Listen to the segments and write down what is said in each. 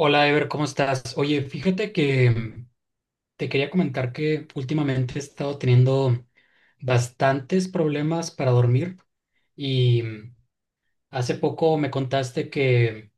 Hola, Ever, ¿cómo estás? Oye, fíjate que te quería comentar que últimamente he estado teniendo bastantes problemas para dormir y hace poco me contaste que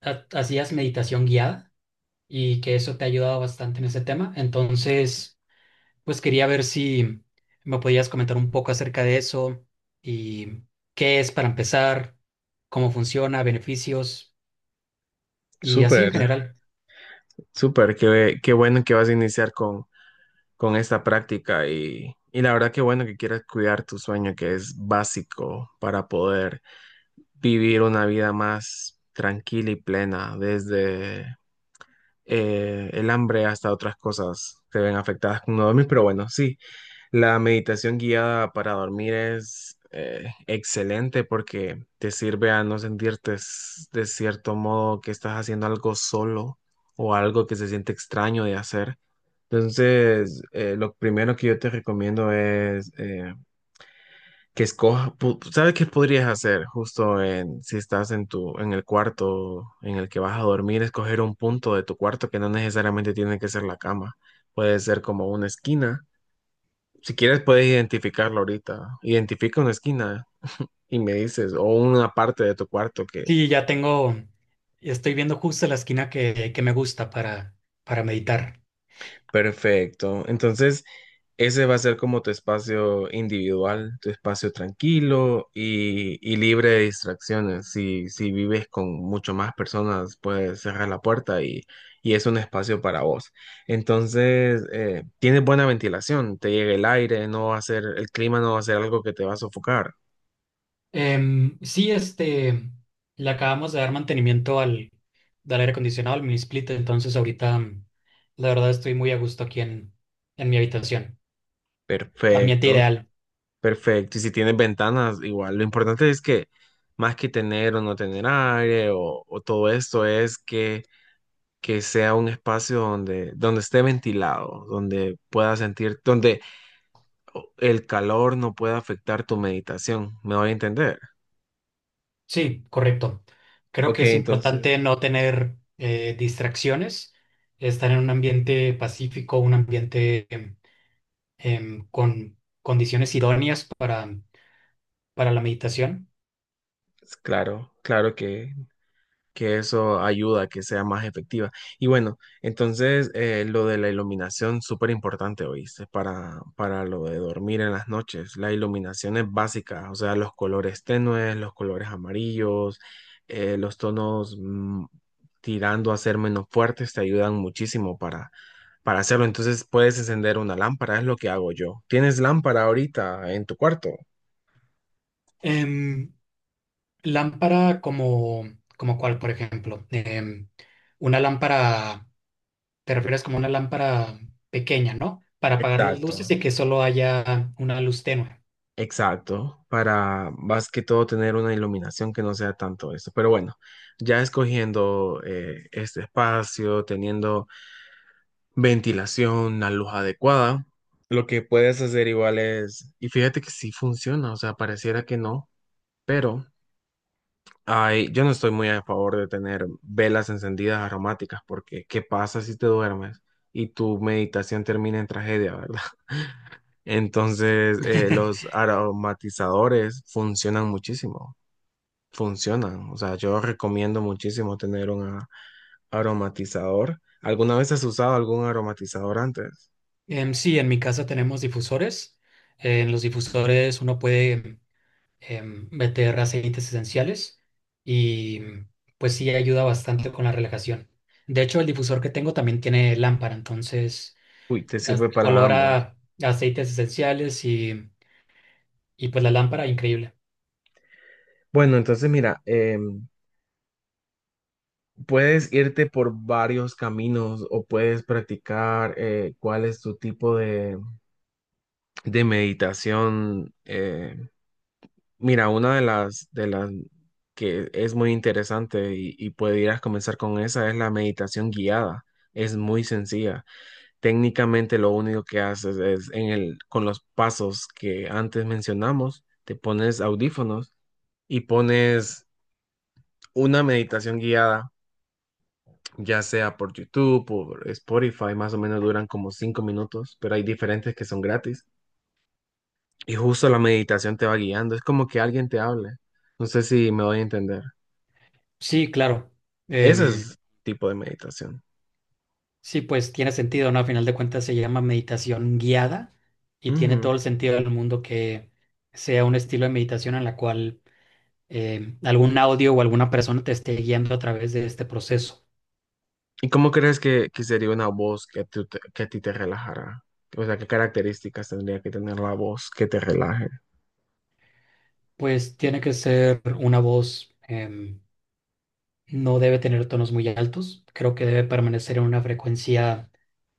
hacías meditación guiada y que eso te ha ayudado bastante en ese tema. Entonces, pues quería ver si me podías comentar un poco acerca de eso y qué es para empezar, cómo funciona, beneficios y así en Súper, general. súper, qué bueno que vas a iniciar con esta práctica y la verdad qué bueno que quieras cuidar tu sueño, que es básico para poder vivir una vida más tranquila y plena, desde el hambre hasta otras cosas se ven afectadas con no dormir, pero bueno, sí, la meditación guiada para dormir es excelente porque te sirve a no sentirte de cierto modo que estás haciendo algo solo o algo que se siente extraño de hacer. Entonces, lo primero que yo te recomiendo es que escojas, ¿sabes qué podrías hacer justo en, si estás en tu, en el cuarto en el que vas a dormir? Escoger un punto de tu cuarto que no necesariamente tiene que ser la cama. Puede ser como una esquina si quieres, puedes identificarlo ahorita. Identifica una esquina y me dices, o una parte de tu cuarto que. Sí, ya tengo, estoy viendo justo la esquina que me gusta para meditar. Perfecto. Entonces, ese va a ser como tu espacio individual, tu espacio tranquilo y libre de distracciones. Si vives con mucho más personas, puedes cerrar la puerta y es un espacio para vos. Entonces, tienes buena ventilación, te llega el aire, no va a ser, el clima no va a ser algo que te va a sofocar. Sí, este, le acabamos de dar mantenimiento al, del aire acondicionado, al mini split, entonces ahorita la verdad estoy muy a gusto aquí en mi habitación. Ambiente Perfecto. ideal. Perfecto. Y si tienes ventanas, igual. Lo importante es que más que tener o no tener aire o todo esto es que sea un espacio donde esté ventilado, donde puedas sentir, donde el calor no pueda afectar tu meditación. ¿Me voy a entender? Sí, correcto. Creo que Ok, es entonces, importante no tener distracciones, estar en un ambiente pacífico, un ambiente con condiciones idóneas para la meditación. claro, claro que eso ayuda a que sea más efectiva. Y bueno, entonces lo de la iluminación, súper importante, ¿oíste? Para lo de dormir en las noches. La iluminación es básica, o sea, los colores tenues, los colores amarillos, los tonos tirando a ser menos fuertes te ayudan muchísimo para hacerlo. Entonces puedes encender una lámpara, es lo que hago yo. ¿Tienes lámpara ahorita en tu cuarto? Em, lámpara como, como cuál, por ejemplo. Una lámpara, te refieres como una lámpara pequeña, ¿no? Para apagar las luces Exacto. y que solo haya una luz tenue. Exacto, para más que todo tener una iluminación que no sea tanto esto. Pero bueno, ya escogiendo este espacio, teniendo ventilación, la luz adecuada, lo que puedes hacer igual es, y fíjate que sí funciona, o sea, pareciera que no, pero ay, yo no estoy muy a favor de tener velas encendidas aromáticas porque ¿qué pasa si te duermes y tu meditación termina en tragedia, verdad? Entonces, los aromatizadores funcionan muchísimo, funcionan. O sea, yo recomiendo muchísimo tener un aromatizador. ¿Alguna vez has usado algún aromatizador antes? Sí, en mi casa tenemos difusores. En los difusores uno puede meter aceites esenciales y pues sí ayuda bastante con la relajación. De hecho, el difusor que tengo también tiene lámpara, entonces Uy, te sirve para olor ambos. a aceites esenciales y pues la lámpara, increíble. Bueno, entonces mira, puedes irte por varios caminos o puedes practicar cuál es tu tipo de meditación. Mira, una de las que es muy interesante y podrías comenzar con esa es la meditación guiada. Es muy sencilla. Técnicamente lo único que haces es con los pasos que antes mencionamos, te pones audífonos y pones una meditación guiada ya sea por YouTube, por Spotify, más o menos duran como 5 minutos, pero hay diferentes que son gratis. Y justo la meditación te va guiando, es como que alguien te hable. No sé si me voy a entender. Sí, claro. Ese Em, es tipo de meditación. sí, pues tiene sentido, ¿no? A final de cuentas se llama meditación guiada y tiene Ujú. todo el sentido del mundo que sea un estilo de meditación en la cual algún audio o alguna persona te esté guiando a través de este proceso. ¿Y cómo crees que sería una voz que a ti te relajara? O sea, ¿qué características tendría que tener la voz que te relaje? Pues tiene que ser una voz, no debe tener tonos muy altos, creo que debe permanecer en una frecuencia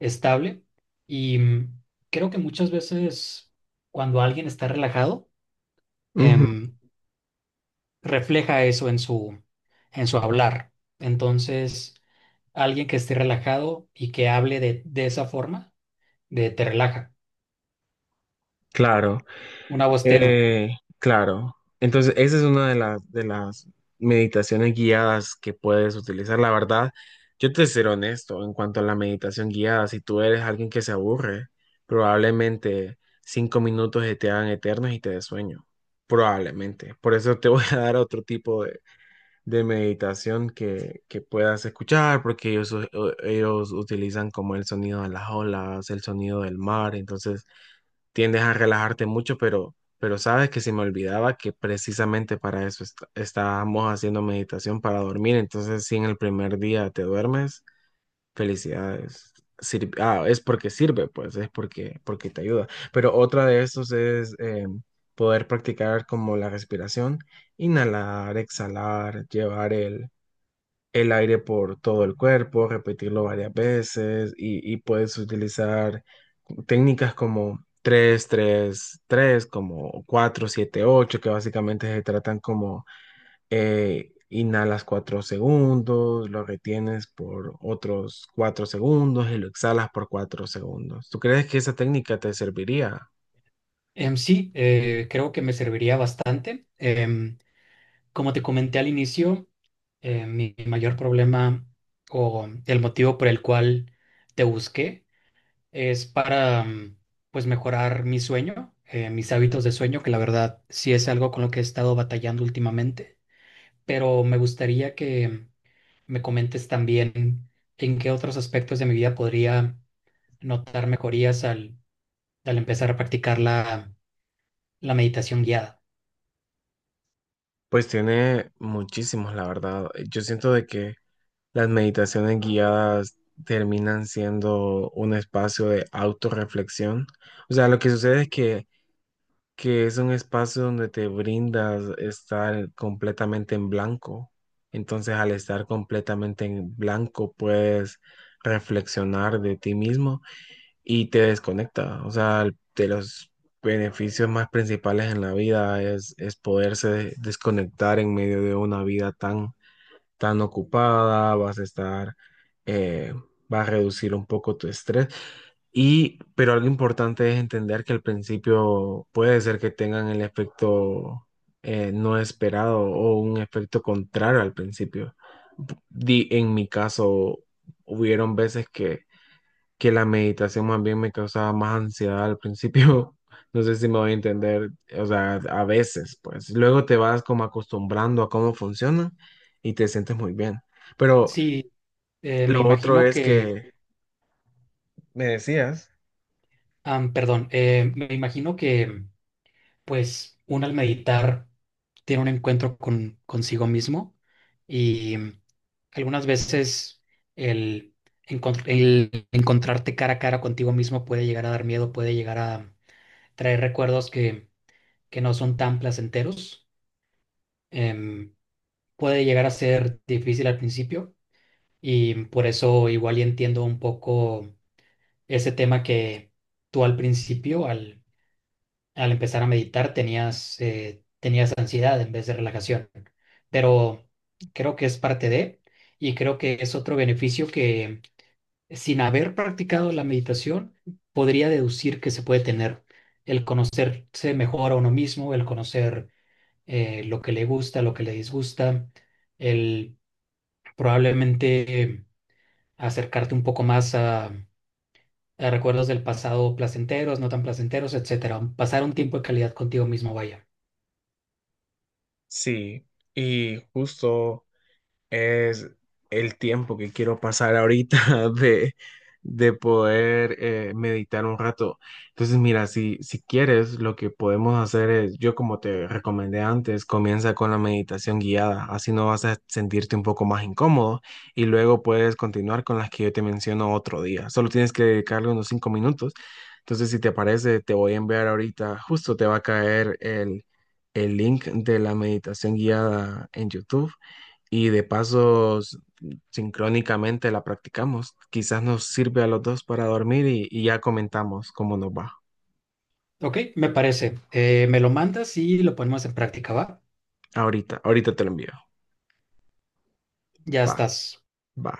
estable y creo que muchas veces cuando alguien está relajado, Ujú, em, refleja eso en su hablar. Entonces, alguien que esté relajado y que hable de esa forma, de te relaja, claro. una voz tenue. Eh, claro. Entonces, esa es una de las meditaciones guiadas que puedes utilizar. La verdad, yo te seré honesto en cuanto a la meditación guiada. Si tú eres alguien que se aburre, probablemente 5 minutos se te hagan eternos y te des sueño. Probablemente. Por eso te voy a dar otro tipo de meditación que puedas escuchar, porque ellos utilizan como el sonido de las olas, el sonido del mar. Entonces, tiendes a relajarte mucho, pero sabes que se me olvidaba que precisamente para eso estábamos haciendo meditación para dormir. Entonces, si en el primer día te duermes, felicidades. Ah, es porque sirve, pues, es porque te ayuda. Pero otra de estos es poder practicar como la respiración, inhalar, exhalar, llevar el aire por todo el cuerpo, repetirlo varias veces y puedes utilizar técnicas como 3-3-3, como 4-7-8, que básicamente se tratan como inhalas 4 segundos, lo retienes por otros 4 segundos y lo exhalas por 4 segundos. ¿Tú crees que esa técnica te serviría? Sí, creo que me serviría bastante. Em, como te comenté al inicio, mi mayor problema o el motivo por el cual te busqué es para pues mejorar mi sueño, mis hábitos de sueño, que la verdad sí es algo con lo que he estado batallando últimamente. Pero me gustaría que me comentes también en qué otros aspectos de mi vida podría notar mejorías al empezar a practicar la meditación guiada. Pues tiene muchísimos, la verdad. Yo siento de que las meditaciones guiadas terminan siendo un espacio de autorreflexión. O sea, lo que sucede es que es un espacio donde te brindas estar completamente en blanco. Entonces, al estar completamente en blanco, puedes reflexionar de ti mismo y te desconecta. O sea, de los beneficios más principales en la vida es poderse desconectar en medio de una vida tan tan ocupada, vas a estar, eh, vas a reducir un poco tu estrés. Y, pero algo importante es entender que al principio puede ser que tengan el efecto no esperado o un efecto contrario al principio. En mi caso, hubieron veces que la meditación más bien me causaba más ansiedad al principio. No sé si me voy a entender, o sea, a veces, pues luego te vas como acostumbrando a cómo funciona y te sientes muy bien. Pero Sí, lo me otro imagino es que, que me decías, am, perdón, me imagino que pues uno al meditar tiene un encuentro con consigo mismo y algunas veces el, el encontrarte cara a cara contigo mismo puede llegar a dar miedo, puede llegar a traer recuerdos que no son tan placenteros. Em, puede llegar a ser difícil al principio y por eso igual y entiendo un poco ese tema que tú al principio, al empezar a meditar, tenías, tenías ansiedad en vez de relajación. Pero creo que es parte de, y creo que es otro beneficio que sin haber practicado la meditación, podría deducir que se puede tener el conocerse mejor a uno mismo, el conocer lo que le gusta, lo que le disgusta, el probablemente acercarte un poco más a recuerdos del pasado placenteros, no tan placenteros, etcétera. Pasar un tiempo de calidad contigo mismo, vaya. sí, y justo es el tiempo que quiero pasar ahorita de, de poder meditar un rato. Entonces, mira, si quieres, lo que podemos hacer es, yo como te recomendé antes, comienza con la meditación guiada, así no vas a sentirte un poco más incómodo y luego puedes continuar con las que yo te menciono otro día. Solo tienes que dedicarle unos 5 minutos. Entonces, si te parece, te voy a enviar ahorita, justo te va a caer el link de la meditación guiada en YouTube y de paso sincrónicamente la practicamos. Quizás nos sirve a los dos para dormir y ya comentamos cómo nos va. Ok, me parece. Me lo mandas y lo ponemos en práctica, ¿va? Ahorita, ahorita te lo envío. Ya Va, estás. va.